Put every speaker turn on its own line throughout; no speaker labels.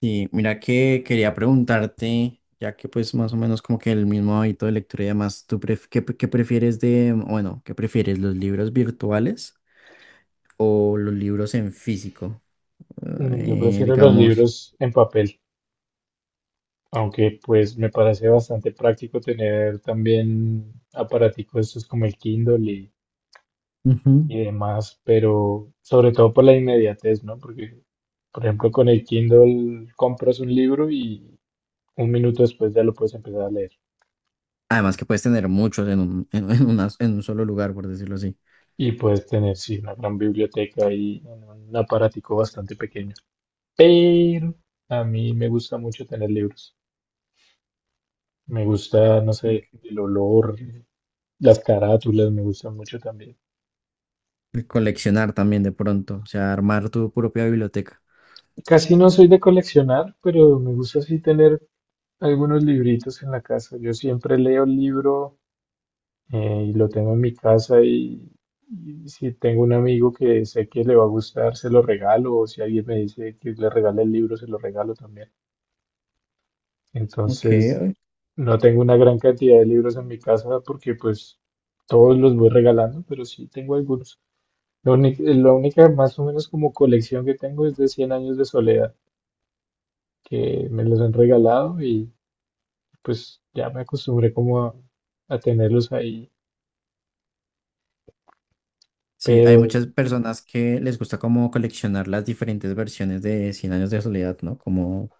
Sí, mira que quería preguntarte, ya que pues más o menos como que el mismo hábito de lectura y demás, ¿tú pref- qué, qué prefieres de, bueno, qué prefieres, los libros virtuales o los libros en físico?
Yo prefiero los
Digamos.
libros en papel, aunque pues me parece bastante práctico tener también aparaticos estos como el Kindle y,
Ujú.
y demás, pero sobre todo por la inmediatez, ¿no? Porque, por ejemplo, con el Kindle compras un libro y un minuto después ya lo puedes empezar a leer.
Además que puedes tener muchos en un, en una- en un solo lugar, por decirlo así.
Y puedes tener, sí, una gran biblioteca y un aparatico bastante pequeño. Pero a mí me gusta mucho tener libros. Me gusta, no
Ok.
sé, el olor. Las carátulas me gustan mucho también.
Y coleccionar también de pronto, o sea, armar tu propia biblioteca.
Casi no soy de coleccionar, pero me gusta así tener algunos libritos en la casa. Yo siempre leo el libro y lo tengo en mi casa y si tengo un amigo que sé que le va a gustar, se lo regalo, o si alguien me dice que le regale el libro, se lo regalo también.
Ok.
Entonces, no tengo una gran cantidad de libros en mi casa porque pues todos los voy regalando, pero sí tengo algunos. La única más o menos como colección que tengo es de cien años de soledad. Que me los han regalado y pues ya me acostumbré como a tenerlos ahí.
Sí,
Pero
hay muchas personas que les gusta como coleccionar las diferentes versiones de Cien años de soledad, ¿no? Como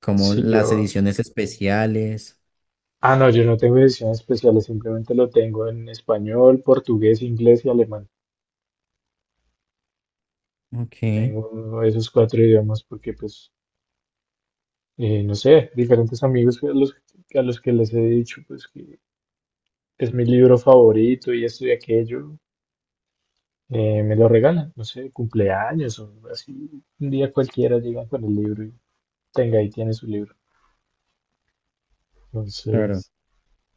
como
si
las
yo...
ediciones especiales.
Ah, no, yo no tengo ediciones especiales, simplemente lo tengo en español, portugués, inglés y alemán.
Ok,
Tengo esos cuatro idiomas porque pues, no sé, diferentes amigos a los, que les he dicho pues que es mi libro favorito y esto y aquello, me lo regalan, no sé, cumpleaños o así, un día cualquiera llegan con el libro y tenga, ahí tiene su libro.
claro.
Entonces,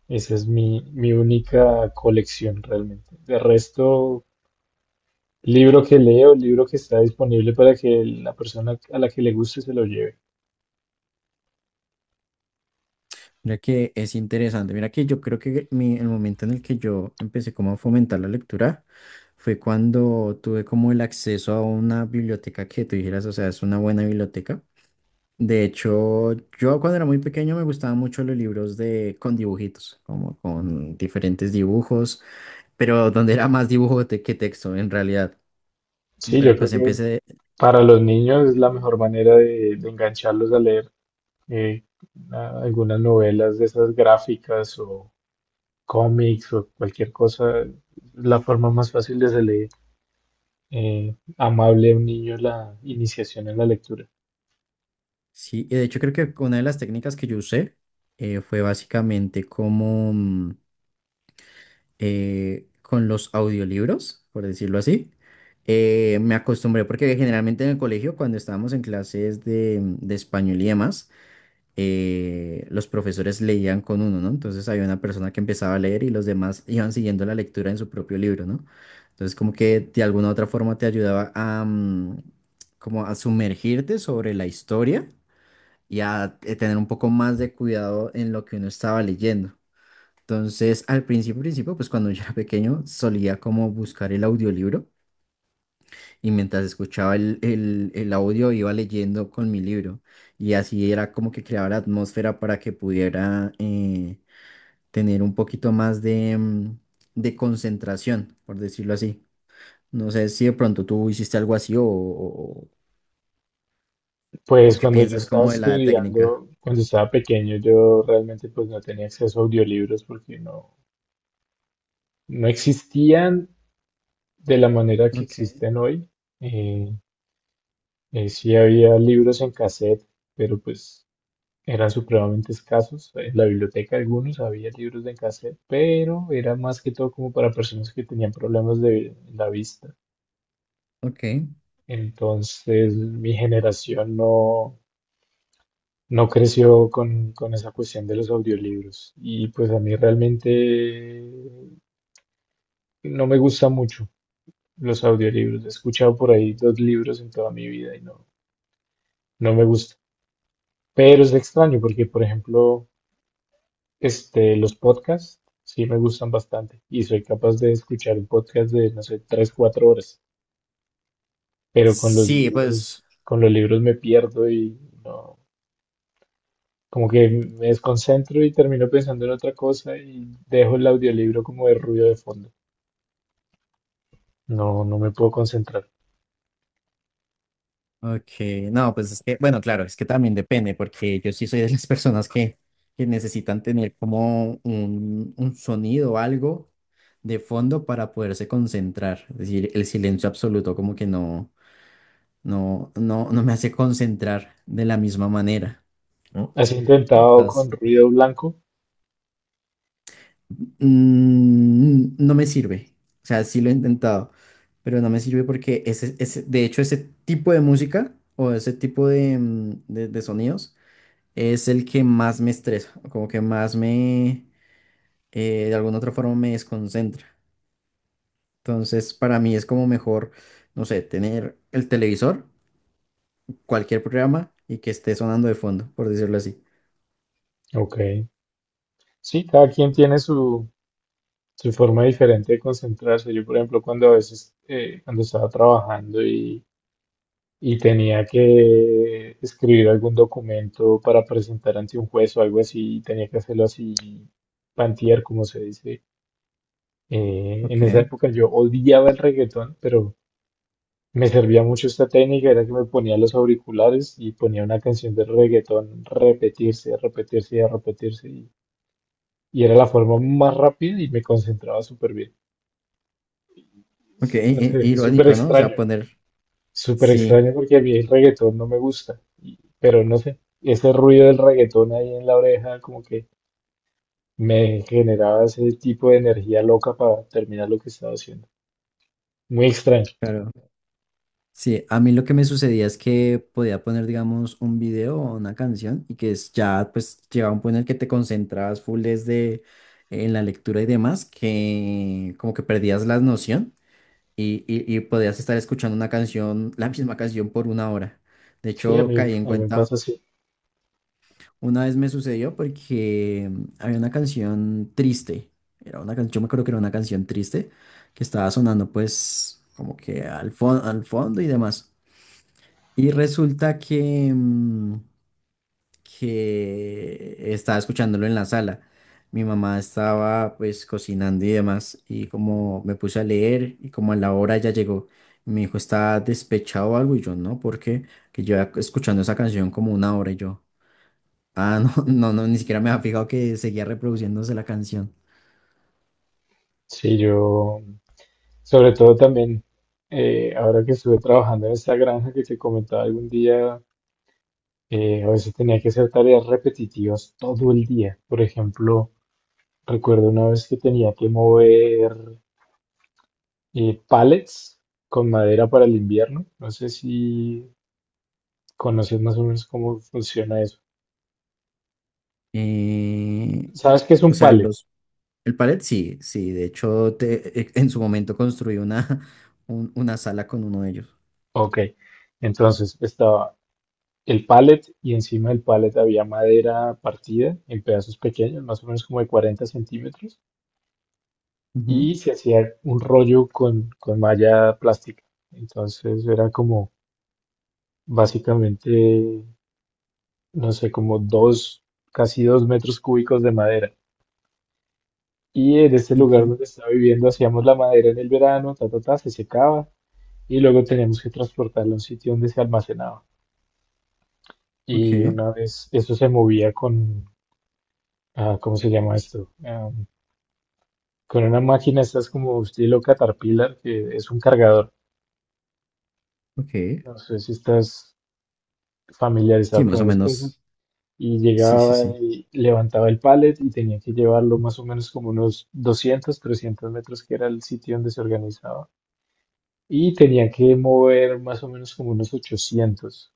esa es mi, única colección realmente. De resto, libro que leo, libro que está disponible para que la persona a la que le guste se lo lleve.
Mira que es interesante. Mira que yo creo que el momento en el que yo empecé como a fomentar la lectura fue cuando tuve como el acceso a una biblioteca que tú dijeras, o sea, es una buena biblioteca. De hecho, yo cuando era muy pequeño me gustaban mucho los libros de con dibujitos, como con diferentes dibujos, pero donde era más dibujo que texto en realidad.
Sí, yo
Pero
creo
pues
que
empecé.
para los niños es la mejor manera de engancharlos a leer, eh, algunas novelas de esas gráficas o cómics o cualquier cosa. La forma más fácil de hacerle amable a un niño la iniciación en la lectura.
Sí, y de hecho creo que una de las técnicas que yo usé fue básicamente como con los audiolibros, por decirlo así. Me acostumbré porque generalmente en el colegio, cuando estábamos en clases de español y demás, los profesores leían con uno, ¿no? Entonces había una persona que empezaba a leer y los demás iban siguiendo la lectura en su propio libro, ¿no? Entonces como que de alguna u otra forma te ayudaba a, como a sumergirte sobre la historia y a tener un poco más de cuidado en lo que uno estaba leyendo. Entonces, al principio, principio, pues cuando yo era pequeño, solía como buscar el audiolibro y mientras escuchaba el audio iba leyendo con mi libro y así era como que creaba la atmósfera para que pudiera tener un poquito más de concentración, por decirlo así. No sé si de pronto tú hiciste algo así o
Pues
qué
cuando yo
piensas
estaba
como de la técnica.
estudiando, cuando estaba pequeño, yo realmente pues no tenía acceso a audiolibros porque no, no existían de la manera que
Ok,
existen hoy. Eh, sí había libros en cassette, pero pues eran supremamente escasos. En la biblioteca algunos había libros en cassette, pero era más que todo como para personas que tenían problemas de la vista.
ok.
Entonces mi generación no creció con esa cuestión de los audiolibros. Y pues a mí realmente no me gusta mucho los audiolibros. He escuchado por ahí dos libros en toda mi vida y no, no me gusta. Pero es extraño porque, por ejemplo, los podcasts sí me gustan bastante y soy capaz de escuchar un podcast de, no sé, 3, 4 horas. Pero
Sí, pues.
con los libros me pierdo y no, como que me desconcentro y termino pensando en otra cosa y dejo el audiolibro como de ruido de fondo. No, no me puedo concentrar.
Ok, no, pues es que, bueno, claro, es que también depende, porque yo sí soy de las personas que necesitan tener como un sonido o algo de fondo para poderse concentrar. Es decir, el silencio absoluto como que no, no, no, no me hace concentrar de la misma manera, ¿no?
¿Has intentado con
Entonces,
ruido blanco?
no me sirve. O sea, sí lo he intentado, pero no me sirve porque de hecho, ese tipo de música o ese tipo de, mm, de sonidos es el que más me estresa, como que más me, de alguna otra forma me desconcentra. Entonces, para mí es como mejor, no sé, tener el televisor, cualquier programa y que esté sonando de fondo, por decirlo así.
Ok. Sí, cada quien tiene su, su forma diferente de concentrarse. Yo, por ejemplo, cuando a veces, cuando estaba trabajando y tenía que escribir algún documento para presentar ante un juez o algo así, y tenía que hacerlo así, pantear, como se dice.
Ok,
En esa época yo odiaba el reggaetón, pero me servía mucho esta técnica, era que me ponía los auriculares y ponía una canción de reggaetón repetirse, repetirse, repetirse y era la forma más rápida y me concentraba súper bien.
ok,
No sé, es
irónico, ¿no? O sea, poner,
súper
sí,
extraño porque a mí el reggaetón no me gusta, pero no sé, ese ruido del reggaetón ahí en la oreja como que me generaba ese tipo de energía loca para terminar lo que estaba haciendo. Muy extraño.
claro. Sí, a mí lo que me sucedía es que podía poner, digamos, un video o una canción y que es ya, pues, llegaba un punto en el que te concentrabas full desde en la lectura y demás, que como que perdías la noción y podías estar escuchando una canción, la misma canción por una hora. De
Sí, a
hecho,
mí,
caí en
a mí me
cuenta,
pasa así.
una vez me sucedió porque había una canción triste, era una canción, yo me acuerdo que era una canción triste que estaba sonando pues como que al fondo y demás. Y resulta que, que estaba escuchándolo en la sala. Mi mamá estaba pues cocinando y demás y como me puse a leer y como a la hora ya llegó, mi hijo está despechado o algo y yo no, porque que yo escuchando esa canción como una hora y yo, ah, no, no, no, ni siquiera me había fijado que seguía reproduciéndose la canción.
Sí, yo sobre todo también, ahora que estuve trabajando en esta granja que te comentaba algún día, a veces tenía que hacer tareas repetitivas todo el día. Por ejemplo, recuerdo una vez que tenía que mover pallets con madera para el invierno. No sé si conoces más o menos cómo funciona eso.
Eh,
¿Sabes qué es
o
un
sea,
pallet?
el palet sí, sí, de hecho en su momento construí una, una sala con uno de ellos.
Ok. Entonces estaba el pallet y encima del pallet había madera partida en pedazos pequeños, más o menos como de 40 centímetros,
Ujú,
y se hacía un rollo con, malla plástica. Entonces era como básicamente, no sé, como dos, casi 2 metros cúbicos de madera. Y en este
ok,
lugar donde estaba viviendo hacíamos la madera en el verano, ta, ta, ta, se secaba y luego teníamos que transportarla a un sitio donde se almacenaba.
ok,
Y una vez eso se movía con, ah, ¿cómo se llama esto? Con una máquina, estás como estilo Caterpillar, que es un cargador.
ok.
No sé si estás
Sí,
familiarizado con
más o
esas
menos.
cosas. Y
Sí, sí,
llegaba
sí.
y levantaba el pallet y tenía que llevarlo más o menos como unos 200 300 metros, que era el sitio donde se organizaba. Y tenía que mover más o menos como unos 800.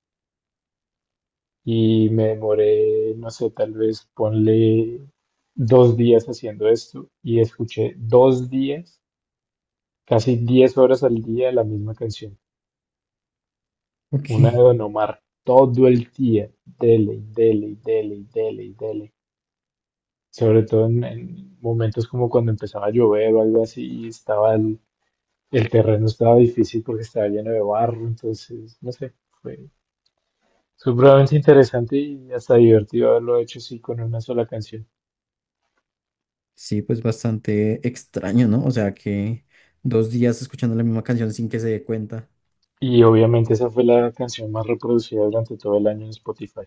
Y me demoré, no sé, tal vez ponle 2 días haciendo esto y escuché 2 días, casi 10 horas al día la misma canción, una de
Ok.
Don Omar, todo el día, dele, y dele, y dele, y dele, y dele. Sobre todo en, momentos como cuando empezaba a llover o algo así, y estaba el terreno estaba difícil porque estaba lleno de barro, entonces, no sé, fue supremamente interesante y hasta divertido haberlo hecho así con una sola canción.
Sí, pues bastante extraño, ¿no? O sea que 2 días escuchando la misma canción sin que se dé cuenta.
Y obviamente esa fue la canción más reproducida durante todo el año en Spotify.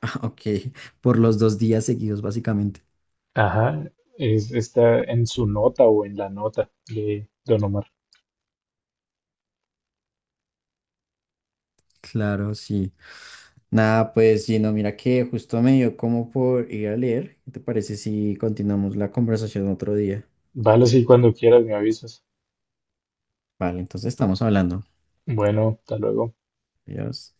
Ah, ok. Por los 2 días seguidos, básicamente.
Ajá, es está en su nota o en la nota de Don Omar.
Claro, sí. Nada, pues Gino, mira que justo me dio como por ir a leer. ¿Qué te parece si continuamos la conversación otro día?
Vale, sí, cuando quieras me avisas.
Vale, entonces estamos hablando.
Bueno, hasta luego.
Adiós.